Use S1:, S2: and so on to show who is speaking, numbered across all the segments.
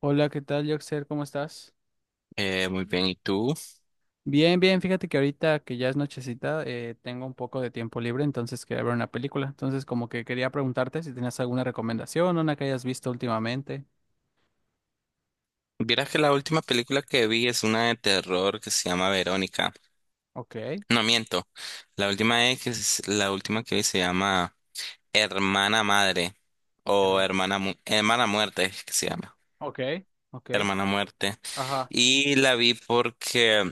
S1: Hola, ¿qué tal, Yoxer? ¿Cómo estás?
S2: Muy bien, ¿y tú?
S1: Bien, bien, fíjate que ahorita que ya es nochecita, tengo un poco de tiempo libre, entonces quería ver una película. Entonces, como que quería preguntarte si tenías alguna recomendación, una que hayas visto últimamente.
S2: Vieras que la última película que vi es una de terror que se llama Verónica.
S1: Ok,
S2: No miento. La última la última que vi se llama Hermana Madre o
S1: pero-
S2: Hermana Muerte es que se llama.
S1: ok, ok,
S2: Hermana Muerte.
S1: ajá,
S2: Y la vi porque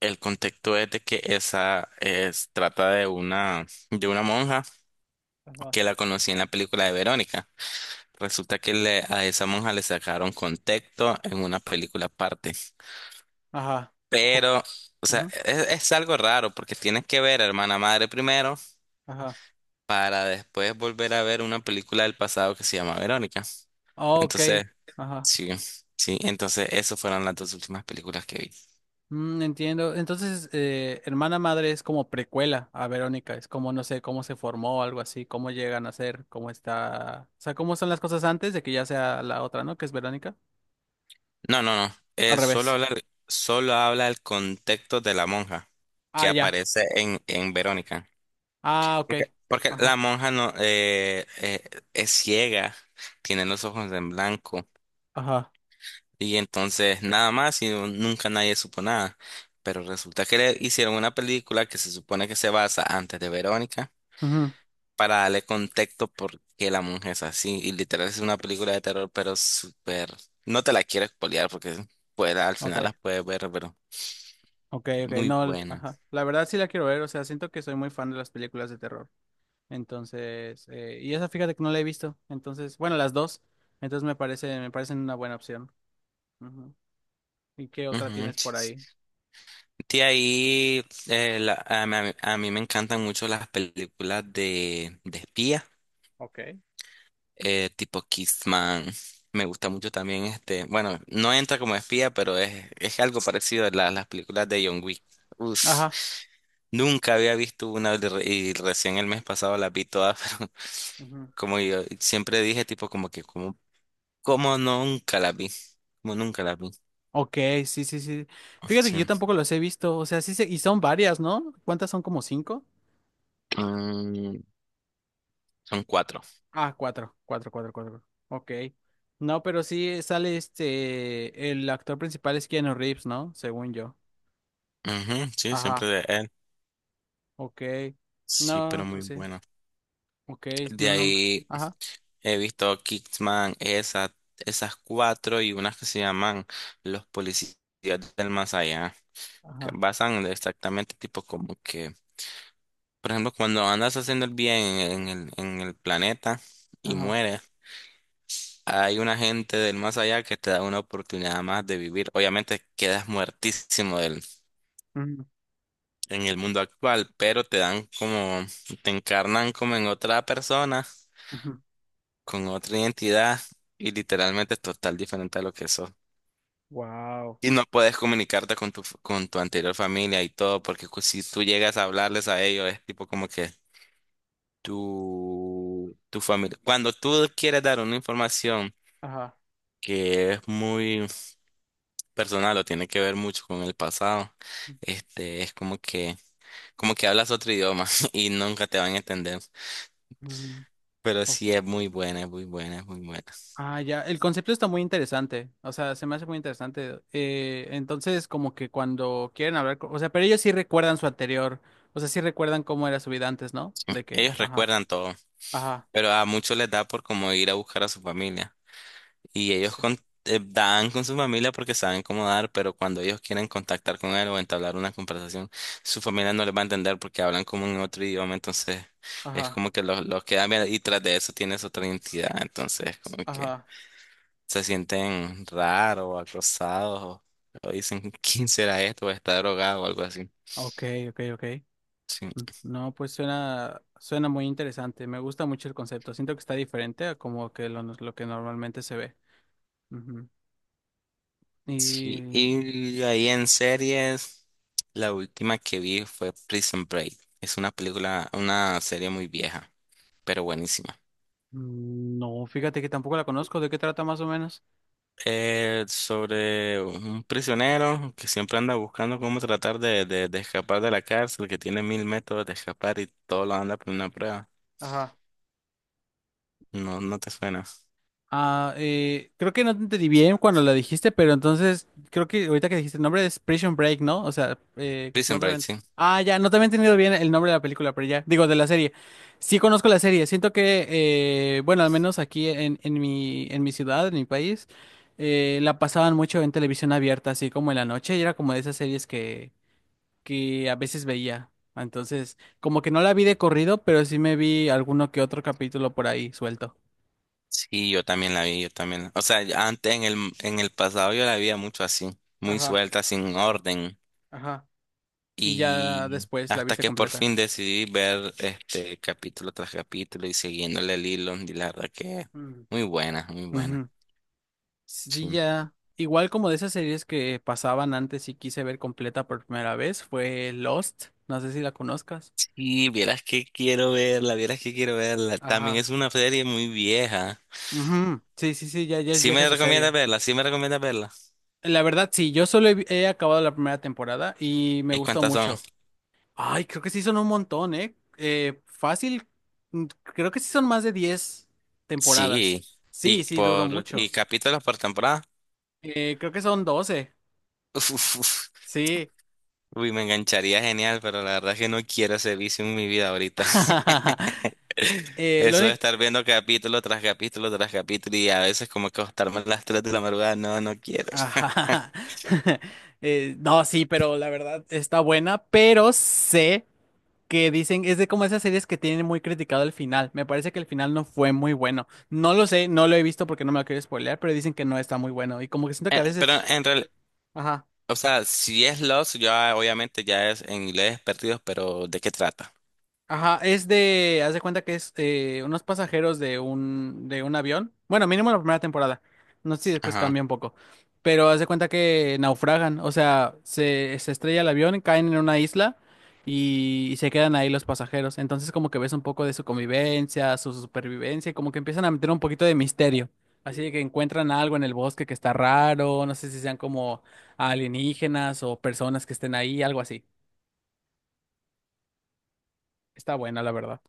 S2: el contexto es de que esa es trata de una monja
S1: ajá,
S2: que la conocí en la película de Verónica. Resulta que a esa monja le sacaron contexto en una película aparte.
S1: ajá, o-
S2: Pero, o sea,
S1: ujú,
S2: es algo raro porque tienes que ver a Hermana Madre primero
S1: ajá,
S2: para después volver a ver una película del pasado que se llama Verónica.
S1: ok,
S2: Entonces,
S1: ajá.
S2: sí, sí, entonces esas fueron las dos últimas películas que vi.
S1: Mm, entiendo. Entonces, Hermana Madre es como precuela a Verónica, es como, no sé, cómo se formó, algo así, cómo llegan a ser, cómo está, o sea, cómo son las cosas antes de que ya sea la otra, ¿no? Que es Verónica.
S2: No, no, no,
S1: Al revés.
S2: solo habla el contexto de la monja
S1: Ah,
S2: que
S1: ya.
S2: aparece en Verónica.
S1: Ah, ok.
S2: Porque la
S1: Ajá.
S2: monja no es ciega, tiene los ojos en blanco.
S1: Ajá.
S2: Y entonces nada más y nunca nadie supo nada. Pero resulta que le hicieron una película que se supone que se basa antes de Verónica
S1: Ujú.
S2: para darle contexto por qué la mujer es así. Y literal es una película de terror, pero súper. No te la quiero spoilear porque, pues, al final la
S1: Ok.
S2: puedes ver, pero
S1: Ok, ok.
S2: muy
S1: No,
S2: buena.
S1: ajá. La verdad sí la quiero ver, o sea, siento que soy muy fan de las películas de terror. Entonces, y esa fíjate que no la he visto. Entonces, bueno, las dos. Entonces me parece, me parecen una buena opción. Ujú. ¿Y qué otra
S2: Ujú,
S1: tienes
S2: sí,
S1: por
S2: sí.
S1: ahí?
S2: De ahí a mí me encantan mucho las películas de espía.
S1: Ok.
S2: Tipo Kissman. Me gusta mucho también este. Bueno, no entra como espía, pero es algo parecido a las películas de John Wick. Uf,
S1: Ajá.
S2: nunca había visto una y recién el mes pasado las vi todas, pero
S1: Ujú.
S2: como yo siempre dije, tipo, como nunca las vi. Como nunca las vi.
S1: Ok, sí, sí, sí. Fíjate que yo
S2: Sí.
S1: tampoco los he visto. O sea, sí se... Y son varias, ¿no? ¿Cuántas son? ¿Como cinco?
S2: Mm, Son cuatro.
S1: Ah, cuatro. Cuatro, cuatro, cuatro. Ok. No, pero sí sale este... El actor principal es Keanu Reeves, ¿no? Según yo.
S2: Ujú, sí, siempre
S1: Ajá.
S2: de él.
S1: Ok.
S2: Sí, pero
S1: No,
S2: muy
S1: pues sí.
S2: bueno.
S1: Ok,
S2: De
S1: no, nunca.
S2: ahí.
S1: Ajá.
S2: He visto Kickman, esas cuatro y unas que se llaman Los Policías del Más Allá, que
S1: Ajá.
S2: basan de exactamente tipo como que, por ejemplo, cuando andas haciendo el bien en el planeta y
S1: Ajá.
S2: mueres, hay una gente del más allá que te da una oportunidad más de vivir. Obviamente quedas muertísimo en el mundo actual, pero te encarnan como en otra persona, con otra identidad y literalmente total diferente a lo que sos.
S1: Wow.
S2: Y no puedes comunicarte con tu anterior familia y todo, porque si tú llegas a hablarles a ellos, es tipo como que tu familia. Cuando tú quieres dar una información
S1: Ajá.
S2: que es muy personal o tiene que ver mucho con el pasado, es como que hablas otro idioma y nunca te van a entender. Pero
S1: Ujú.
S2: sí es muy buena, es muy buena, es muy buena.
S1: Ah, ya, el concepto está muy interesante, o sea, se me hace muy interesante. Entonces, como que cuando quieren hablar, o sea, pero ellos sí recuerdan su anterior, o sea, sí recuerdan cómo era su vida antes, ¿no? De que,
S2: Ellos
S1: ajá,
S2: recuerdan todo,
S1: ajá,
S2: pero a muchos les da por como ir a buscar a su familia. Y ellos
S1: sí,
S2: dan con su familia porque saben cómo dar, pero cuando ellos quieren contactar con él o entablar una conversación, su familia no les va a entender porque hablan como en otro idioma, entonces es
S1: ajá,
S2: como que los quedan bien y tras de eso tienes otra identidad, entonces como que
S1: ajá,
S2: se sienten raros o acosados o dicen, ¿quién será esto? O está drogado o algo así.
S1: ok, ok, ok.
S2: Sí.
S1: Mm, no, pues suena, suena muy interesante, me gusta mucho el concepto, siento que está diferente a como que lo que normalmente se ve. Ujú.
S2: Sí,
S1: Y
S2: y ahí en series, la última que vi fue Prison Break. Es una película, una serie muy vieja, pero buenísima.
S1: no, fíjate que tampoco la conozco, ¿de qué trata más o menos?
S2: Sobre un prisionero que siempre anda buscando cómo tratar de escapar de la cárcel, que tiene mil métodos de escapar y todo lo anda por una prueba.
S1: Ajá.
S2: No, no te suena.
S1: Ah, creo que no te entendí bien cuando la dijiste, pero entonces creo que ahorita que dijiste el nombre es Prison Break, ¿no? O sea, creo que no
S2: Prison
S1: te
S2: Break, sí.
S1: ah, ya, no te había entendido bien el nombre de la película, pero ya, digo, de la serie. Sí conozco la serie, siento que, bueno, al menos aquí en mi ciudad, en mi país, la pasaban mucho en televisión abierta, así como en la noche, y era como de esas series que a veces veía. Entonces, como que no la vi de corrido, pero sí me vi alguno que otro capítulo por ahí suelto.
S2: Sí, yo también la vi, yo también. O sea, ya antes en el pasado yo la veía mucho así, muy
S1: Ajá,
S2: suelta, sin orden.
S1: ajá. Y ya
S2: Y
S1: después la
S2: hasta
S1: viste
S2: que por
S1: completa.
S2: fin decidí ver este capítulo tras capítulo y siguiéndole el hilo, y la verdad que
S1: Mm.
S2: muy buena, muy buena.
S1: Ujú. Sí,
S2: Sí.
S1: ya. Igual como de esas series que pasaban antes y quise ver completa por primera vez, fue Lost. No sé si la conozcas.
S2: Y vieras que quiero verla, vieras que quiero verla. También
S1: Ajá.
S2: es una serie muy vieja.
S1: Ujú. Sí, sí, sí, ya, ya es
S2: Sí
S1: vieja
S2: me
S1: esa
S2: recomiendas
S1: serie.
S2: verla, sí me recomiendas verla.
S1: La verdad, sí, yo solo he, he acabado la primera temporada y me
S2: ¿Y
S1: gustó
S2: cuántas son?
S1: mucho. Ay, creo que sí son un montón, ¿eh? Fácil. Creo que sí son más de 10 temporadas.
S2: Sí.
S1: Sí,
S2: Y
S1: sí, duró
S2: por, y
S1: mucho.
S2: capítulos por temporada.
S1: Creo que son 12.
S2: Uf, uf, uf.
S1: Sí.
S2: Uy, me engancharía genial, pero la verdad es que no quiero ese vicio en mi vida ahorita.
S1: Lo
S2: Eso de
S1: único...
S2: estar viendo capítulo tras capítulo tras capítulo y a veces como que acostarme a las 3 de la madrugada, no, no quiero.
S1: Ajá. No, sí, pero la verdad está buena, pero sé que dicen, es de como esas series que tienen muy criticado el final. Me parece que el final no fue muy bueno. No lo sé, no lo he visto porque no me lo quiero spoilear, pero dicen que no está muy bueno. Y como que siento que a
S2: Pero
S1: veces...
S2: en realidad,
S1: Ajá.
S2: o sea, si es Lost, ya obviamente ya es en inglés perdidos, pero ¿de qué trata?
S1: Ajá, es de, haz de cuenta que es unos pasajeros de un avión. Bueno, mínimo la primera temporada. No sé si después
S2: Ajá,
S1: cambia un poco. Pero haz de cuenta que naufragan. O sea, se estrella el avión, caen en una isla y se quedan ahí los pasajeros. Entonces como que ves un poco de su convivencia, su supervivencia, y como que empiezan a meter un poquito de misterio. Así de que encuentran algo en el bosque que está raro, no sé si sean como alienígenas o personas que estén ahí, algo así. Está buena, la verdad.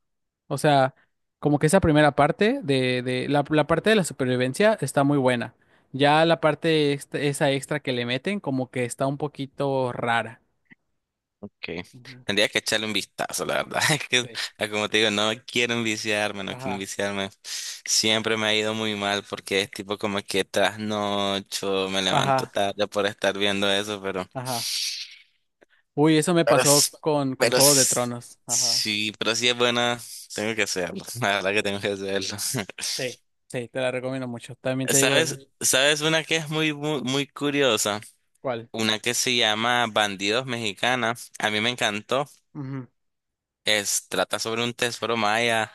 S1: O sea, como que esa primera parte de la, la parte de la supervivencia está muy buena. Ya la parte esa extra que le meten, como que está un poquito rara.
S2: ok.
S1: Ujú,
S2: Tendría que echarle un vistazo, la verdad. Es que,
S1: sí.
S2: como te digo, no quiero enviciarme, no quiero
S1: Ajá.
S2: enviciarme. Siempre me ha ido muy mal porque es tipo como que trasnocho, me levanto
S1: Ajá.
S2: tarde por estar viendo eso,
S1: Ajá. Uy, eso me
S2: pero,
S1: pasó
S2: s-
S1: con
S2: pero
S1: Juego de
S2: s-
S1: Tronos. Ajá.
S2: sí, pero sí es buena, tengo que hacerlo. La verdad que tengo que hacerlo.
S1: Sí. Sí, te la recomiendo mucho. También te digo
S2: ¿Sabes? ¿Sabes una que es muy, muy, muy curiosa?
S1: cuál.
S2: Una que se llama Bandidos Mexicanas. A mí me encantó.
S1: Ujú.
S2: Trata sobre un tesoro maya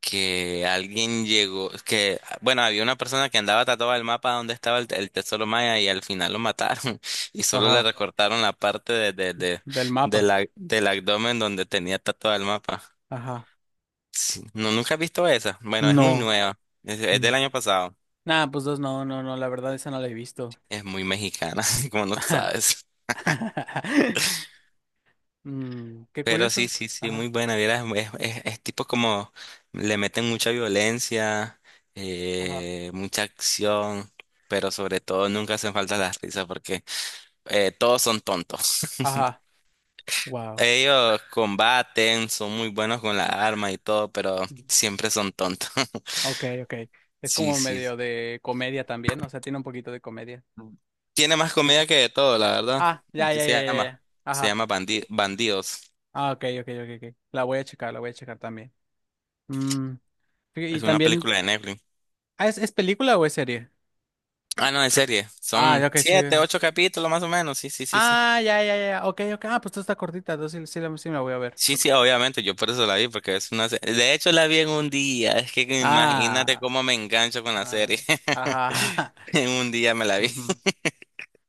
S2: que alguien llegó, que, bueno, había una persona que andaba tatuada el mapa donde estaba el tesoro maya y al final lo mataron y solo le
S1: Ajá.
S2: recortaron la parte de, de, de,
S1: Del
S2: de
S1: mapa.
S2: la, del abdomen donde tenía tatuado el mapa.
S1: Ajá.
S2: Sí. No, nunca he visto esa. Bueno, es muy
S1: No.
S2: nueva. Es
S1: Mm.
S2: del año pasado.
S1: Nah, pues dos, no, no, no. La verdad, esa no la he visto.
S2: Es muy mexicana, como no
S1: Ajá.
S2: sabes.
S1: Mm, qué
S2: Pero sí,
S1: curioso.
S2: sí, sí,
S1: Ajá.
S2: muy buena. Vieras, es tipo como le meten mucha violencia,
S1: Ajá.
S2: mucha acción, pero sobre todo nunca hacen falta las risas porque todos son tontos.
S1: Ajá, wow.
S2: Ellos combaten, son muy buenos con la arma y todo, pero siempre son tontos.
S1: Ok, ok. Es
S2: Sí,
S1: como
S2: sí.
S1: medio de comedia también, o sea, tiene un poquito de comedia.
S2: Tiene más comida que de todo, la verdad.
S1: Ah, ya,
S2: Así
S1: ya,
S2: se
S1: ya, ya,
S2: llama.
S1: ya.
S2: Se
S1: Ajá.
S2: llama Bandidos.
S1: Ah, ok, ok, ok, ok. La voy a checar, la voy a checar también. Mm, y
S2: Es una
S1: también,
S2: película de Netflix.
S1: ah, es película o es serie?
S2: Ah, no, de serie.
S1: Ah,
S2: Son
S1: ya, ok, sí.
S2: siete, ocho capítulos más o menos. Sí, sí, sí, sí.
S1: Ah, ya, ya, ya. Ok, ok. Ah, pues esto está cortita, entonces sí, sí, la sí me la voy a ver.
S2: Sí, sí, obviamente, yo por eso la vi, porque es una serie. De hecho, la vi en un día. Es que imagínate
S1: Ah,
S2: cómo me engancho con la
S1: ah,
S2: serie.
S1: ajá.
S2: En un día me la vi.
S1: ujú.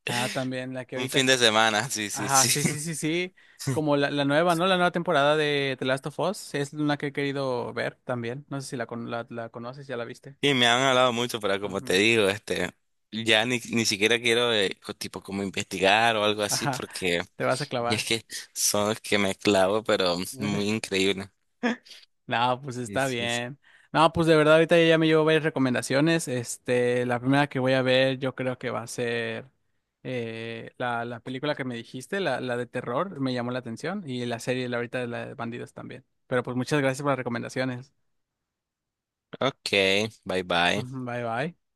S1: Ah, también, la que
S2: Un fin
S1: ahorita
S2: de semana, sí, sí,
S1: ajá, sí,
S2: sí.
S1: sí, sí, sí. Como la nueva, ¿no? La nueva temporada de The Last of Us. Es una que he querido ver también. No sé si la, la, la conoces, ya la viste.
S2: Y me han hablado mucho, pero como te
S1: Ujú.
S2: digo, ya ni siquiera quiero, tipo, como investigar o algo así,
S1: Ajá,
S2: porque
S1: te vas a
S2: y es
S1: clavar.
S2: que son los que me clavo, pero muy increíble.
S1: No, pues
S2: Sí,
S1: está
S2: sí, sí.
S1: bien. No, pues de verdad, ahorita ya me llevo varias recomendaciones. Este, la primera que voy a ver, yo creo que va a ser la, la película que me dijiste, la de terror, me llamó la atención. Y la serie, la ahorita de la de bandidos también. Pero pues muchas gracias por las recomendaciones.
S2: Ok, bye bye.
S1: Ujú, bye, bye.